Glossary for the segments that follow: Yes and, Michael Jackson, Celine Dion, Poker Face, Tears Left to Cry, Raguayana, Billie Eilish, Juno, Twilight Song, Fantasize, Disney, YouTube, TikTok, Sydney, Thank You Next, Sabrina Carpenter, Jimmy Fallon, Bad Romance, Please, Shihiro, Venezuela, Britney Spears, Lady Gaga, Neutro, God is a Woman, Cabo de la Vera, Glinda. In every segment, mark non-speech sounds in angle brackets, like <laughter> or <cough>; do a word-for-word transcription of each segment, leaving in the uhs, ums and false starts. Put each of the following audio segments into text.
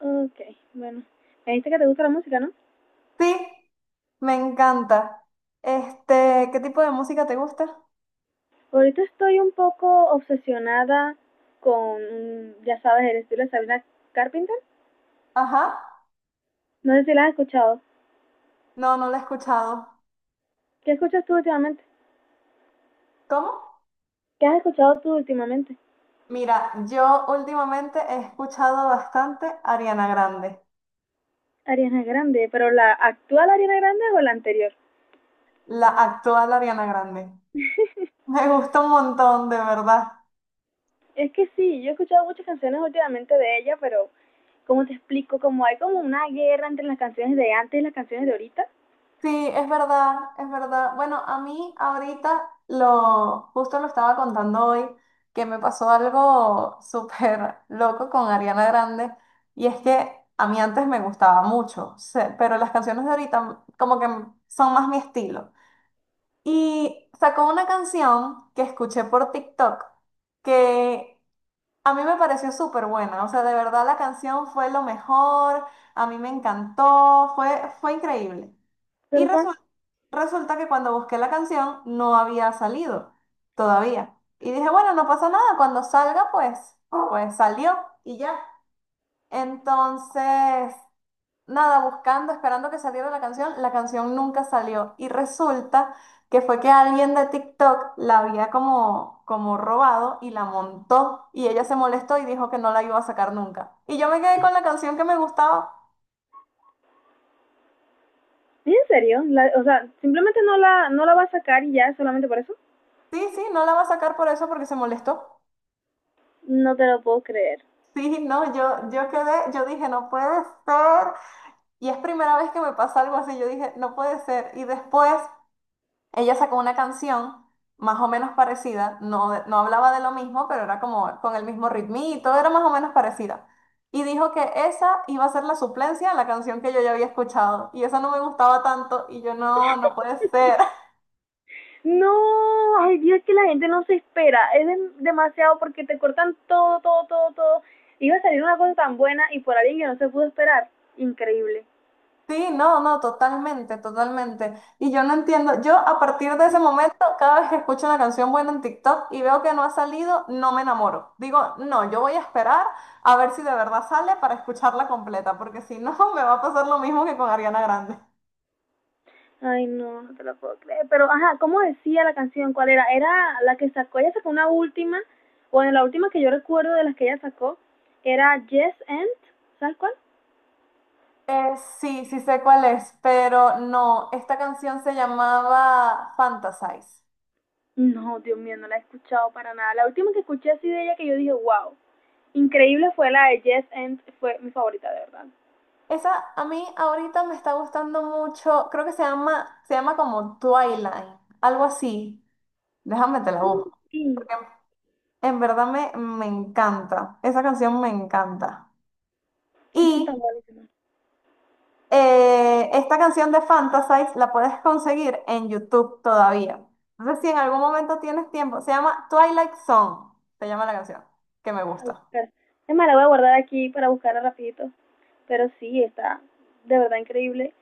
Ok, bueno. Me dijiste que te gusta la música, ¿no? Sí, me encanta. Este, ¿qué tipo de música te gusta? Ahorita estoy un poco obsesionada con, ya sabes, el estilo de Sabrina Carpenter. Ajá. No sé si la has escuchado. No, no la he escuchado. ¿Qué escuchas tú últimamente? ¿Cómo? ¿Qué has escuchado tú últimamente? Mira, yo últimamente he escuchado bastante Ariana Grande, Ariana Grande, ¿pero la actual Ariana Grande o la anterior? la actual Ariana Grande. <laughs> Me gusta un montón, de verdad. Es que sí, yo he escuchado muchas canciones últimamente de ella, pero cómo te explico, como hay como una guerra entre las canciones de antes y las canciones de ahorita. Sí, es verdad, es verdad. Bueno, a mí ahorita lo, justo lo estaba contando hoy, que me pasó algo <laughs> súper loco con Ariana Grande, y es que a mí antes me gustaba mucho, se- pero las canciones de ahorita como que son más mi estilo. Y sacó una canción que escuché por TikTok, que a mí me pareció súper buena, o sea, de verdad la canción fue lo mejor, a mí me encantó, fue, fue increíble. Y ¿Pero cuál? resu- Resulta que cuando busqué la canción no había salido todavía. Y dije, bueno, no pasa nada, cuando salga, pues, pues salió y ya. Entonces, nada, buscando, esperando que saliera la canción, la canción nunca salió. Y resulta que fue que alguien de TikTok la había como, como robado y la montó. Y ella se molestó y dijo que no la iba a sacar nunca. Y yo me quedé con la canción que me gustaba. ¿En serio? La- o sea, simplemente no la no la va a sacar y ya solamente por eso. Sí, sí, no la va a sacar por eso porque se molestó. No te lo puedo creer. Sí, no, yo, yo quedé, yo dije, no puede ser. Y es primera vez que me pasa algo así, yo dije, no puede ser. Y después ella sacó una canción más o menos parecida, no, de- no hablaba de lo mismo, pero era como con el mismo ritmito, era más o menos parecida. Y dijo que esa iba a ser la suplencia a la canción que yo ya había escuchado. Y esa no me gustaba tanto. Y yo, no, no puede ser. <laughs> No, ay Dios, que la gente no se espera. Es dem- demasiado porque te cortan todo, todo, todo, todo. Iba a salir una cosa tan buena y por alguien que no se pudo esperar. Increíble. Sí, no, no, totalmente, totalmente. Y yo no entiendo, yo a partir de ese momento, cada vez que escucho una canción buena en TikTok y veo que no ha salido, no me enamoro. Digo, no, yo voy a esperar a ver si de verdad sale para escucharla completa, porque si no, <laughs> me va a pasar lo mismo que con Ariana Grande. Ay, no, no te lo puedo creer. Pero, ajá, ¿cómo decía la canción? ¿Cuál era? Era la que sacó, ella sacó una última, bueno, la última que yo recuerdo de las que ella sacó, era Yes and, ¿sabes cuál? Eh, sí, sí sé cuál es, pero no, esta canción se llamaba Fantasize. No, Dios mío, no la he escuchado para nada. La última que escuché así de ella que yo dije, wow, increíble fue la de Yes and, fue mi favorita de verdad. Esa a mí ahorita me está gustando mucho, creo que se llama, se llama como Twilight, algo así. Déjame te la busco. Mm, Porque en verdad me, me encanta. Esa canción me encanta. es que Y están buenísimas. eh, esta canción de Fantasize la puedes conseguir en YouTube todavía. Entonces, si en algún momento tienes tiempo, se llama Twilight Song, se llama la canción, que me A gusta. buscar. Es más, la voy a guardar aquí para buscarla rapidito. Pero sí, está de verdad increíble.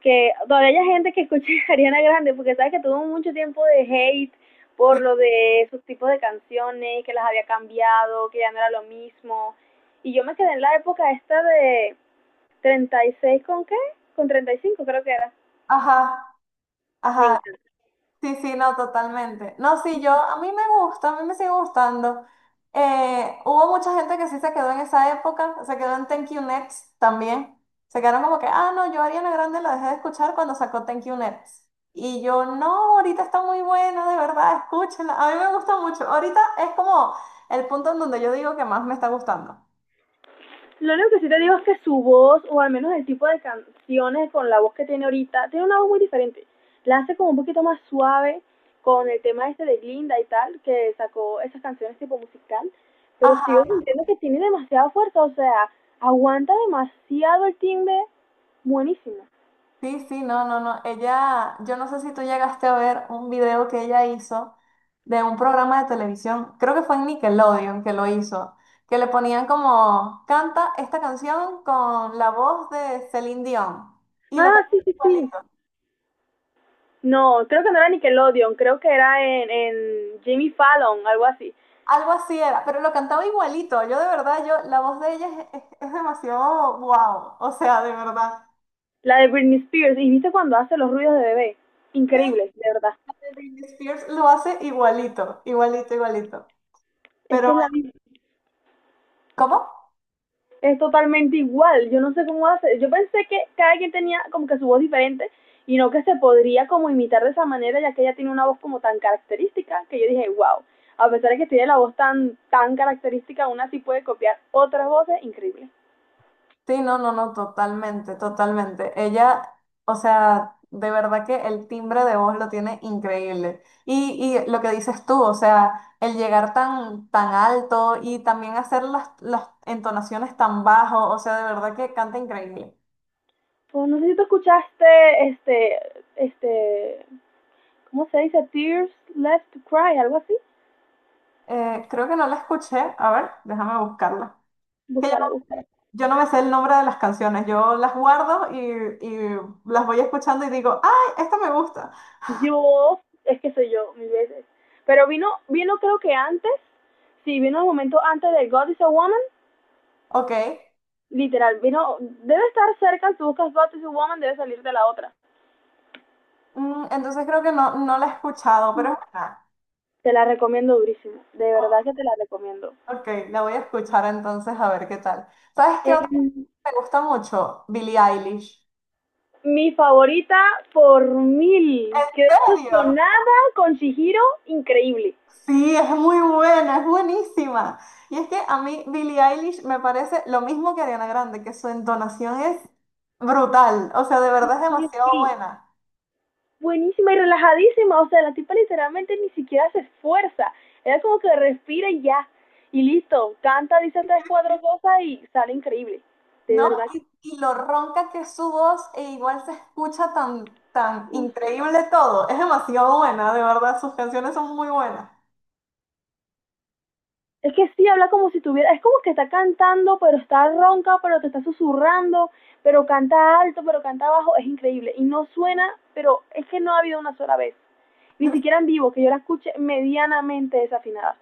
Que todavía hay gente que escuche <laughs> a Ariana Grande, porque sabes que tuvo mucho tiempo de hate por Sí. lo de sus tipos de canciones, que las había cambiado, que ya no era lo mismo. Y yo me quedé en la época esta de treinta y seis, ¿con qué? Con treinta y cinco creo que era. Ajá, Me ajá. encanta. Sí, sí, no, totalmente. No, sí, yo, a mí me gusta, a mí me sigue gustando. Eh, hubo mucha gente que sí se quedó en esa época, se quedó en Thank You Next también. Se quedaron como que, ah, no, yo Ariana Grande la dejé de escuchar cuando sacó Thank You Next. Y yo, no, ahorita está muy buena, de verdad, escúchenla. A mí me gusta mucho. Ahorita es como el punto en donde yo digo que más me está gustando. Lo único que sí te digo es que su voz, o al menos el tipo de canciones con la voz que tiene ahorita, tiene una voz muy diferente. La hace como un poquito más suave con el tema este de Glinda y tal, que sacó esas canciones tipo musical, pero sigo sintiendo que tiene demasiada fuerza, o sea, aguanta demasiado el timbre, buenísimo. Sí, sí, no, no, no. Ella, yo no sé si tú llegaste a ver un video que ella hizo de un programa de televisión, creo que fue en Nickelodeon que lo hizo, que le ponían como, canta esta canción con la voz de Celine Dion. Y lo cantaba Ah, sí, sí, sí. igualito. No, creo que no era Nickelodeon, creo que era en, en Jimmy Fallon, algo así. Algo así era, pero lo cantaba igualito. Yo de verdad, yo, la voz de ella es, es- es demasiado wow. O sea, de verdad. La de Britney Spears, y viste cuando hace los ruidos de bebé. Sí, Increíble, de verdad. Britney Spears lo hace igualito, igualito, igualito. Es Pero, que es la bueno, misma. ¿cómo? Es totalmente igual. Yo no sé cómo hace. Yo pensé que cada quien tenía como que su voz diferente y no que se podría como imitar de esa manera, ya que ella tiene una voz como tan característica que yo dije, wow, a pesar de que tiene la voz tan, tan característica, aún así puede copiar otras voces increíbles. Sí, no, no, no, totalmente, totalmente. Ella, o sea, de verdad que el timbre de voz lo tiene increíble. Y, y lo que dices tú, o sea, el llegar tan, tan alto y también hacer las, las entonaciones tan bajo, o sea, de verdad que canta increíble. Pues no sé si tú escuchaste este, este, ¿cómo se dice? Tears Left to Cry, algo así. Eh, creo que no la escuché, a ver, déjame buscarla. Que yo, Búscala, búscala. yo no me sé el nombre de las canciones, yo las guardo y, y las voy escuchando y digo, ¡ay, esta me gusta! Yo, es que soy yo, mil veces. Pero vino, vino creo que antes, sí, vino el momento antes de God is a Woman. Ok. Literal, vino, debe estar cerca, si buscas Batman y Woman, debe salir de la otra. Mm, entonces creo que no, no la he escuchado, pero es buena. Te la recomiendo durísimo, de verdad que te la recomiendo. Ok, la voy a escuchar entonces a ver qué tal. ¿Sabes qué Eh, otra me gusta mucho? Billie Eilish. Mi favorita por mil. ¿En Quedé serio? obsesionada con Shihiro, increíble. Sí, es muy buena, es buenísima. Y es que a mí Billie Eilish me parece lo mismo que Ariana Grande, que su entonación es brutal, o sea, de Sí, verdad es sí, demasiado sí. buena, Buenísima y relajadísima, o sea, la tipa literalmente ni siquiera se esfuerza. Era como que respira y ya, y listo, canta, dice tres, cuatro cosas y sale increíble. De ¿no? verdad que, Y, y lo ronca que es su voz e igual se escucha tan, tan uff, no, increíble todo. Es demasiado buena, de verdad, sus canciones son muy buenas. es que sí, habla como si tuviera, es como que está cantando, pero está ronca, pero te está susurrando, pero canta alto, pero canta bajo, es increíble. Y no suena, pero es que no ha habido una sola vez, ni siquiera en vivo, que yo la escuche medianamente desafinada.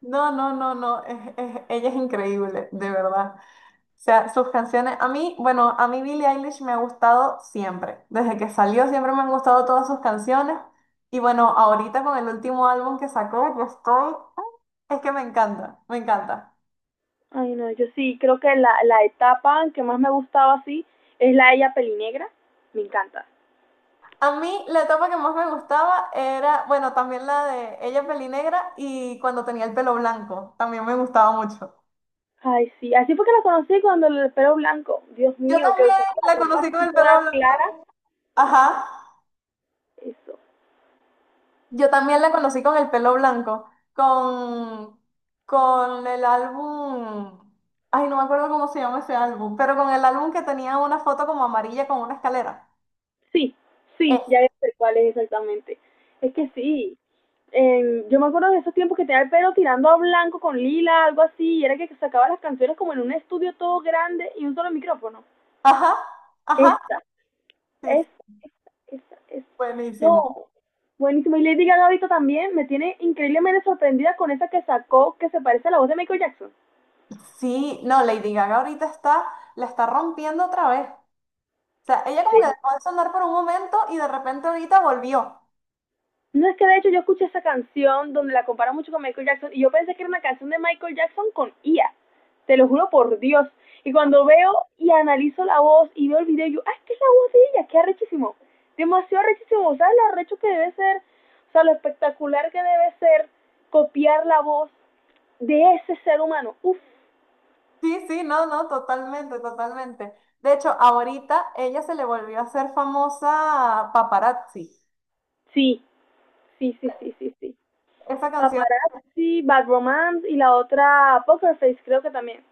No, no, no, no, es- es- ella es increíble, de verdad. O sea, sus canciones, a mí, bueno, a mí Billie Eilish me ha gustado siempre. Desde que salió siempre me han gustado todas sus canciones. Y bueno, ahorita con el último álbum que sacó, yo estoy... Es que me encanta, me encanta. Ay, no, yo sí, creo que la, la etapa que más me gustaba así es la de ella pelinegra, me encanta. A mí la etapa que más me gustaba era, bueno, también la de ella pelinegra y cuando tenía el pelo blanco, también me gustaba mucho. Ay, sí, así fue que la conocí cuando el pelo blanco, Dios Yo mío, que también usaba la la ropa conocí con así el toda pelo blanco. clara, Ajá. eso. Yo también la conocí con el pelo blanco, con, con el álbum, ay, no me acuerdo cómo se llama ese álbum, pero con el álbum que tenía una foto como amarilla con una escalera. Sí, sí, ya Este. sé cuál es exactamente. Es que sí. Eh, yo me acuerdo de esos tiempos que tenía el pelo tirando a blanco con lila, algo así, y era que sacaba las canciones como en un estudio todo grande y un solo micrófono. Ajá, ajá, Esta, sí, esta, esta, esta, esta. buenísimo. No, buenísimo. Y Lady Gaga ahorita también me tiene increíblemente sorprendida con esa que sacó que se parece a la voz de Michael Jackson. Sí, no, Lady Gaga ahorita está, la está rompiendo otra vez. O sea, ella como que Increíble. dejó de sonar por un momento y de repente ahorita volvió. No, es que de hecho yo escuché esa canción donde la compara mucho con Michael Jackson y yo pensé que era una canción de Michael Jackson con I A. Te lo juro por Dios. Y cuando veo y analizo la voz y veo el video, yo, ah, es que es la voz de ella, qué arrechísimo. Demasiado arrechísimo. ¿Sabes lo arrecho que debe ser? O sea, lo espectacular que debe ser copiar la voz de ese ser humano. Uf, Sí, sí, no, no, totalmente, totalmente. De hecho, ahorita ella se le volvió a hacer famosa Paparazzi. sí, sí, sí, sí, sí, sí. Esa canción, Paparazzi, Bad Romance y la otra Poker Face creo que también.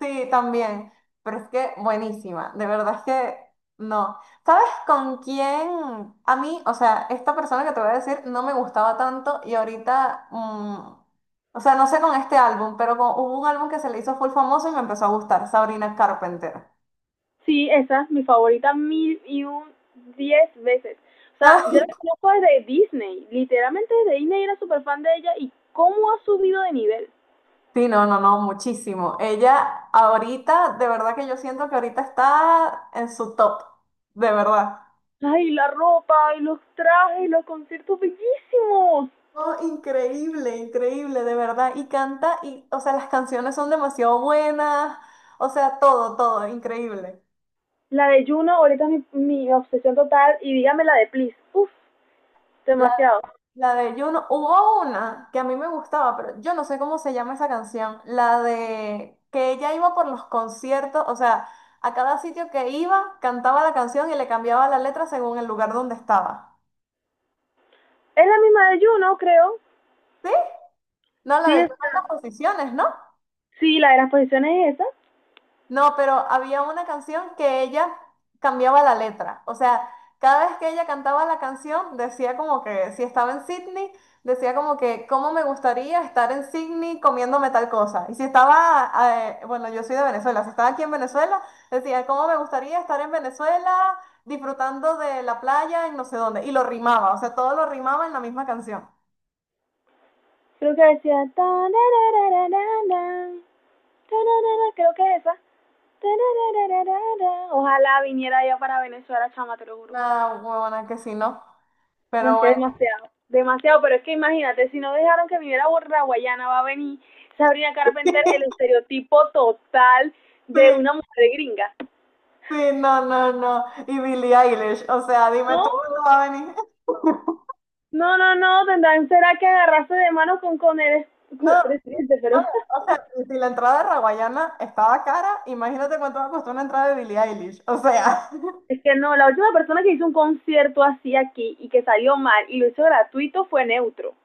sí, también, pero es que buenísima, de verdad es que no. ¿Sabes con quién? A mí, o sea, esta persona que te voy a decir no me gustaba tanto y ahorita, mm, o sea, no sé con este álbum, pero con- hubo un álbum que se le hizo full famoso y me empezó a gustar, Sabrina Carpenter. Sí, esa es mi favorita mil y un diez veces. O sea, yo <laughs> la conozco desde Disney. Literalmente desde Disney era súper fan de ella y cómo ha subido de nivel. Sí, no, no, no, muchísimo. Ella ahorita, de verdad que yo siento que ahorita está en su top, de verdad. Ay, la ropa, y los trajes, los conciertos bellísimos. Oh, increíble, increíble, de verdad. Y canta, y, o sea, las canciones son demasiado buenas. O sea, todo, todo, increíble. La de Juno ahorita es mi, mi obsesión total y dígame la de Please. Uf, La, demasiado. la de Juno, hubo una que a mí me gustaba, pero yo no sé cómo se llama esa canción. La de que ella iba por los conciertos, o sea, a cada sitio que iba, cantaba la canción y le cambiaba la letra según el lugar donde estaba. Es la misma de Juno, creo. ¿Sí? No, la Sí, de Juno está. en las posiciones, ¿no? Sí, la de las posiciones es esa. No, pero había una canción que ella cambiaba la letra. O sea, cada vez que ella cantaba la canción, decía como que si estaba en Sydney, decía como que cómo me gustaría estar en Sydney comiéndome tal cosa. Y si estaba, eh, bueno, yo soy de Venezuela, si estaba aquí en Venezuela, decía cómo me gustaría estar en Venezuela disfrutando de la playa en no sé dónde. Y lo rimaba, o sea, todo lo rimaba en la misma canción. Creo que decía... "Tarararararara, tararara", creo que es esa. Ojalá viniera yo para Venezuela, chama, te lo juro. Una huevona que sí, ¿no? No, Pero es que bueno. demasiado, demasiado, pero es que imagínate, si no dejaron que viniera Borra Guayana, va a venir Sabrina Carpenter, <laughs> el estereotipo total Sí, de una mujer gringa. sí, no, no, no. Y Billie Eilish, o sea, dime tú No, cuándo va a venir. <laughs> no, no, no, tendrán, será que agarrarse de mano con, con, el, No, con el no, presidente, pero <laughs> o sea, si la entrada de Raguayana estaba cara, imagínate cuánto me costó una entrada de Billie Eilish. O sea, <laughs> es que no, la última persona que hizo un concierto así aquí y que salió mal y lo hizo gratuito fue Neutro.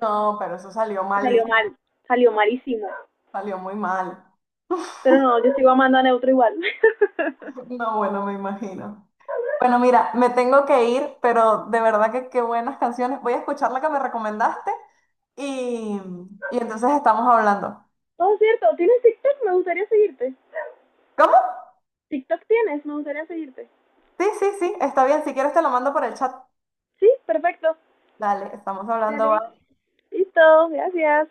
no, pero eso salió malísimo, Salió mal, salió malísimo. salió muy mal. Pero no, yo sigo amando a Neutro igual. <laughs> No, bueno, me imagino. Bueno, mira, me tengo que ir, pero de verdad que qué buenas canciones. Voy a escuchar la que me recomendaste y, y entonces estamos hablando. Oh, cierto, ¿tienes TikTok? Me gustaría seguirte. ¿Cómo? TikTok tienes, me gustaría seguirte. Sí, sí, sí, está bien. Si quieres te lo mando por el chat. Sí, perfecto. Dale, estamos hablando. Dale. Listo, gracias.